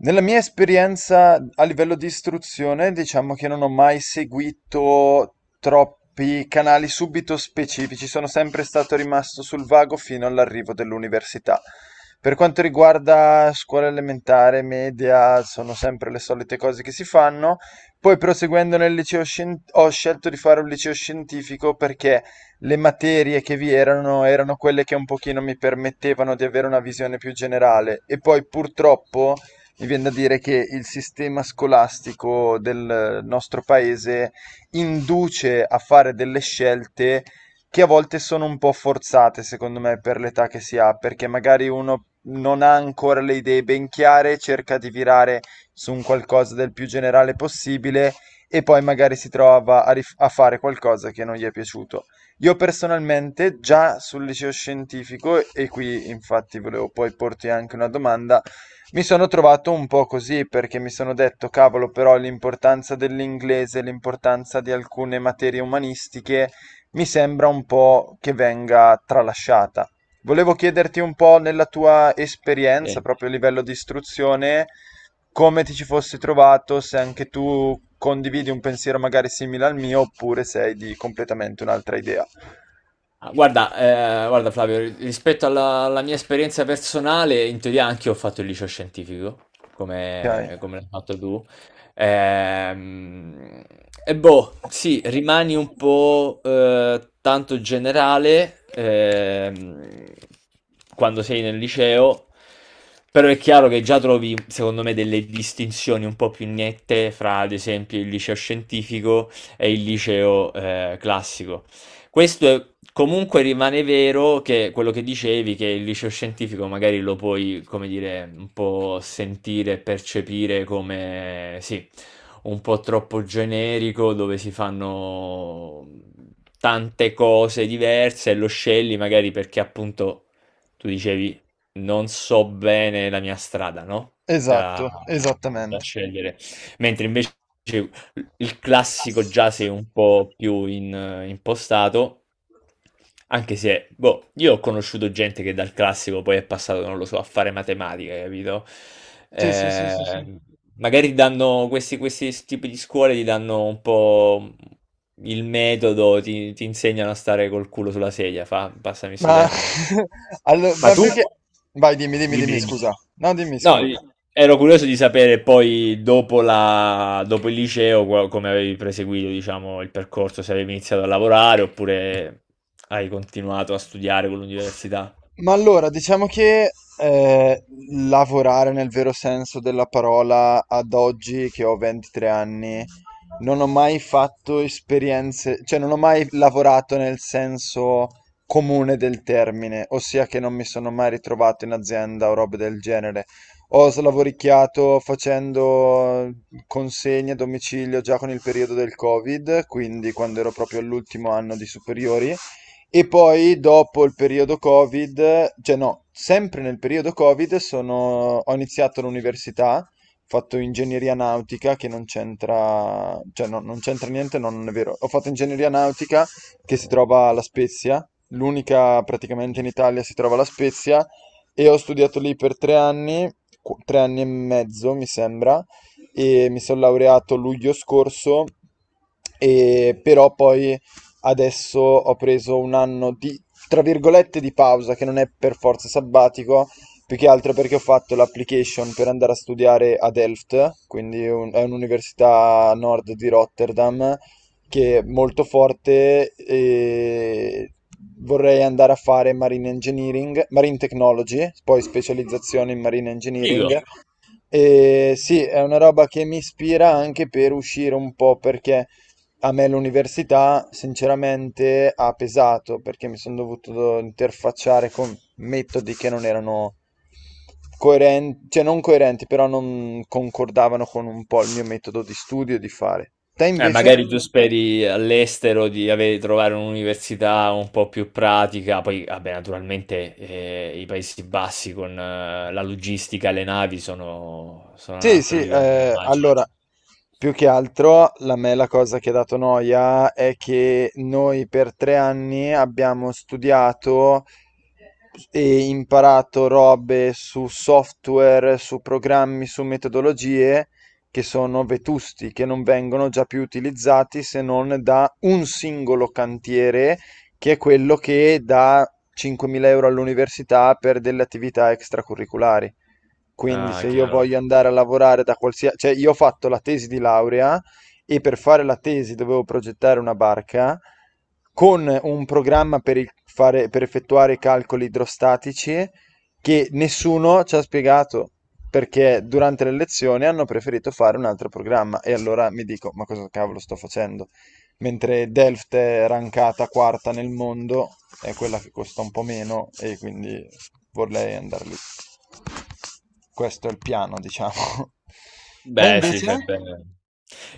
Nella mia esperienza a livello di istruzione, diciamo che non ho mai seguito troppi canali subito specifici, sono sempre stato rimasto sul vago fino all'arrivo dell'università. Per quanto riguarda scuola elementare, media, sono sempre le solite cose che si fanno. Poi proseguendo nel liceo ho scelto di fare un liceo scientifico perché le materie che vi erano erano quelle che un pochino mi permettevano di avere una visione più generale e poi purtroppo mi viene da dire che il sistema scolastico del nostro paese induce a fare delle scelte che a volte sono un po' forzate, secondo me, per l'età che si ha, perché magari uno non ha ancora le idee ben chiare, cerca di virare su un qualcosa del più generale possibile e poi magari si trova a fare qualcosa che non gli è piaciuto. Io personalmente, già sul liceo scientifico, e qui infatti volevo poi porti anche una domanda, mi sono trovato un po' così perché mi sono detto, cavolo, però l'importanza dell'inglese, l'importanza di alcune materie umanistiche mi sembra un po' che venga tralasciata. Volevo chiederti un po' nella tua esperienza, Sì. proprio a livello di istruzione, come ti ci fossi trovato, se anche tu condividi un pensiero magari simile al mio oppure sei di completamente un'altra idea. Ah, guarda, guarda Flavio, rispetto alla mia esperienza personale, in teoria anche io ho fatto il liceo scientifico, Ok. Come l'hai fatto tu. Ehm, e boh, sì, rimani un po' tanto generale quando sei nel liceo, però è chiaro che già trovi, secondo me, delle distinzioni un po' più nette fra, ad esempio, il liceo scientifico e il liceo classico. Questo è- Comunque rimane vero che quello che dicevi, che il liceo scientifico magari lo puoi, come dire, un po' sentire, percepire come, sì, un po' troppo generico, dove si fanno tante cose diverse e lo scegli magari perché appunto tu dicevi non so bene la mia strada, no? da Esatto, da esattamente. scegliere. Mentre invece il classico giace un po' più impostato, anche se, boh, io ho conosciuto gente che dal classico poi è passato, non lo so, a fare matematica, capito? Sì, sì, sì, sì, sì. Eh, magari danno questi tipi di scuole, ti danno un po' il metodo, ti insegnano a stare col culo sulla sedia, fa, passami sto Ma, termine. allo- ma Ma tu? più che... Vai, dimmi, dimmi, Dimmi, dimmi, dimmi. scusa. No, dimmi, No, scusa. i- Ero curioso di sapere poi dopo dopo il liceo come avevi proseguito, diciamo, il percorso, se avevi iniziato a lavorare oppure hai continuato a studiare con l'università. Ma allora, diciamo che eh, lavorare nel vero senso della parola ad oggi che ho 23 anni, non ho mai fatto esperienze, cioè non ho mai lavorato nel senso comune del termine, ossia che non mi sono mai ritrovato in azienda o robe del genere. Ho slavoricchiato facendo consegne a domicilio già con il periodo del Covid, quindi quando ero proprio all'ultimo anno di superiori. E poi dopo il periodo Covid, cioè no, sempre nel periodo Covid ho iniziato l'università, ho fatto ingegneria nautica che non c'entra, cioè no, non c'entra niente, no, non è vero. Ho fatto ingegneria nautica che si trova alla Spezia, l'unica praticamente in Italia si trova alla Spezia e ho studiato lì per 3 anni, 3 anni e mezzo mi sembra, e mi sono laureato luglio scorso, e però poi adesso ho preso un anno di, tra virgolette, di pausa, che non è per forza sabbatico, più che altro perché ho fatto l'application per andare a studiare a Delft, quindi è un'università a nord di Rotterdam, che è molto forte e vorrei andare a fare marine engineering, marine technology, poi specializzazione in marine Figo. engineering. E sì, è una roba che mi ispira anche per uscire un po', perché a me l'università sinceramente ha pesato, perché mi sono dovuto interfacciare con metodi che non erano coerenti, cioè non coerenti, però non concordavano con un po' il mio metodo di studio e di fare. Te invece? Magari tu speri all'estero di avere, trovare un'università un po' più pratica, poi vabbè, naturalmente i Paesi Bassi con la logistica e le navi sono, sono un Sì, altro sì, livello, immagino. allora, più che altro la cosa che ha dato noia è che noi per 3 anni abbiamo studiato e imparato robe su software, su programmi, su metodologie che sono vetusti, che non vengono già più utilizzati se non da un singolo cantiere, che è quello che dà 5.000 euro all'università per delle attività extracurriculari. Quindi Ah, se io chiaro. voglio andare a lavorare da qualsiasi... Cioè io ho fatto la tesi di laurea e per fare la tesi dovevo progettare una barca con un programma per, per effettuare i calcoli idrostatici che nessuno ci ha spiegato perché durante le lezioni hanno preferito fare un altro programma e allora mi dico ma cosa cavolo sto facendo? Mentre Delft è rankata quarta nel mondo, è quella che costa un po' meno e quindi vorrei andare lì. Questo è il piano, diciamo. Te Beh, sì, fai invece? bene.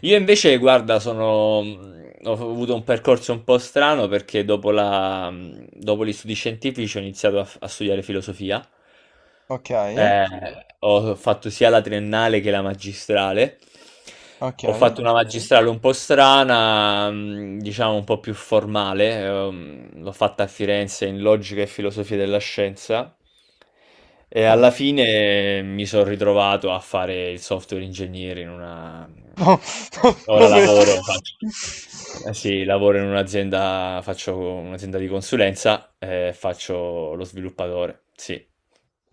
Io invece, guarda, ho avuto un percorso un po' strano perché dopo dopo gli studi scientifici ho iniziato a studiare filosofia. Ok, Ho fatto sia la triennale che la magistrale. ok. Ho Eccolo. fatto una ok magistrale un po' strana, diciamo un po' più formale. L'ho fatta a Firenze in logica e filosofia della scienza. E alla fine mi son ritrovato a fare il software engineer in una No, no, ora come... lavoro, faccio eh sì, lavoro in un'azienda faccio un'azienda di consulenza e faccio lo sviluppatore, sì,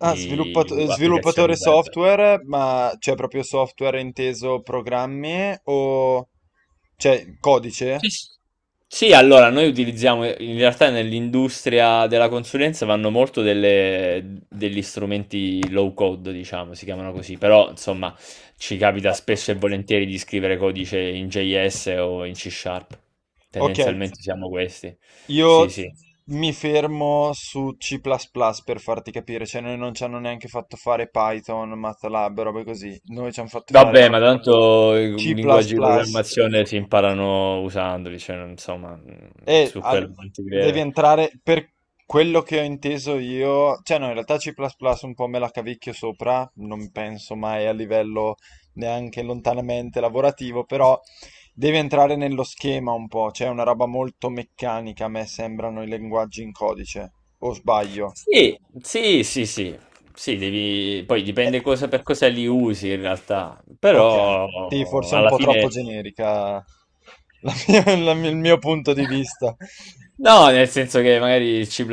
Ah, sviluppato- u applicazioni sviluppatore web. software, ma c'è proprio software inteso programmi o... Cioè, Sì, codice? s Sì, allora noi utilizziamo in realtà nell'industria della consulenza vanno molto degli strumenti low code, diciamo, si chiamano così, però insomma ci capita spesso e volentieri di scrivere codice in JS o in C Sharp. Ok, Tendenzialmente siamo questi. Sì, io sì. mi fermo su C++ plus plus per farti capire, cioè noi non ci hanno neanche fatto fare Python, MATLAB, robe così, noi ci hanno fatto fare Vabbè, ma tanto i C++. Plus linguaggi di plus. programmazione si imparano usandoli, cioè insomma, E su al- quello non ti devi crede. entrare per quello che ho inteso io, cioè no, in realtà C++ un po' me la cavicchio sopra, non penso mai a livello neanche lontanamente lavorativo, però devi entrare nello schema un po', cioè è una roba molto meccanica, a me sembrano i linguaggi in codice, o sbaglio? Sì, sì, sì, sì, sì, devi... poi Eh, dipende cosa per cosa li usi in realtà, ok, sì, però forse è un alla po' troppo fine... generica la mia- il mio punto di vista. No, nel senso che magari il C++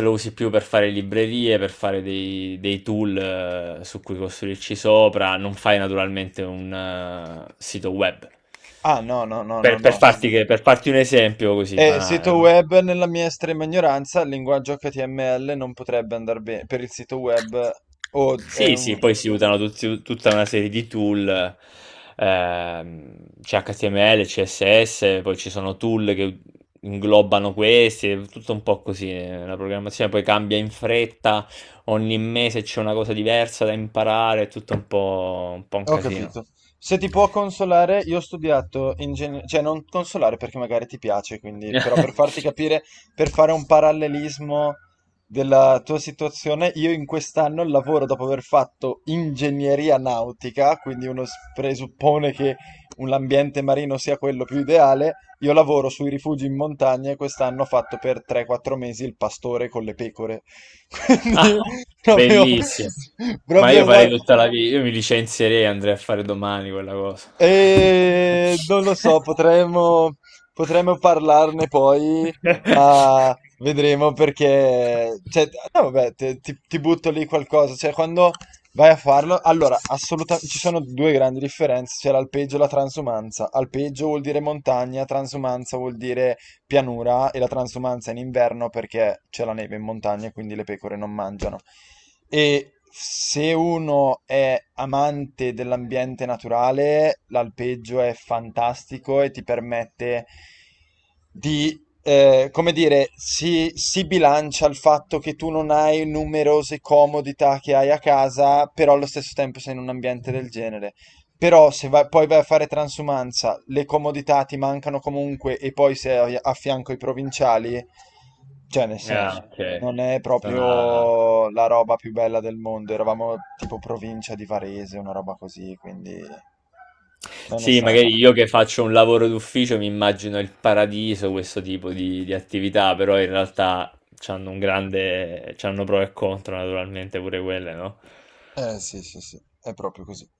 lo usi più per fare librerie, per fare dei tool su cui costruirci sopra, non fai naturalmente un sito web. Ah, no, no, no, no, no. Per farti, per farti un esempio così banale, Sito no? web nella mia estrema ignoranza, il linguaggio HTML non potrebbe andare bene per il sito web o è Sì, un, sì, poi si usano tutta una serie di tool, c'è HTML, CSS, poi ci sono tool che inglobano questi, è tutto un po' così, la programmazione poi cambia in fretta, ogni mese c'è una cosa diversa da imparare, è tutto un po', un po' un ho casino. capito. Se ti può consolare, io ho studiato ingegneria, cioè non consolare perché magari ti piace, quindi, però per farti capire, per fare un parallelismo della tua situazione, io in quest'anno lavoro dopo aver fatto ingegneria nautica, quindi presuppone che l'ambiente marino sia quello più ideale, io lavoro sui rifugi in montagna e quest'anno ho fatto per 3-4 mesi il pastore con le pecore. Ah, Quindi proprio, bellissimo. Ma io proprio farei tutta la vita, io mi licenzierei e andrei a fare domani quella cosa. e non lo so, potremmo, potremmo parlarne poi, ma vedremo perché... Cioè, no, vabbè, ti butto lì qualcosa, cioè quando vai a farlo... Allora, assolutamente, ci sono due grandi differenze, c'è l'alpeggio e la transumanza. Alpeggio vuol dire montagna, transumanza vuol dire pianura e la transumanza in inverno perché c'è la neve in montagna e quindi le pecore non mangiano. E se uno è amante dell'ambiente naturale, l'alpeggio è fantastico e ti permette di, come dire, si bilancia il fatto che tu non hai numerose comodità che hai a casa, però allo stesso tempo sei in un ambiente del genere. Però se poi vai a fare transumanza, le comodità ti mancano comunque e poi sei a fianco i provinciali, cioè nel senso, Ah, ok. non è Ah. proprio la roba più bella del mondo. Eravamo tipo provincia di Varese, una roba così, quindi non è Sì, stata. magari io che faccio un lavoro d'ufficio mi immagino il paradiso, questo tipo di attività, però in realtà c'hanno un grande, c'hanno pro e contro naturalmente pure quelle, no? Eh sì, sì, sì, è proprio così.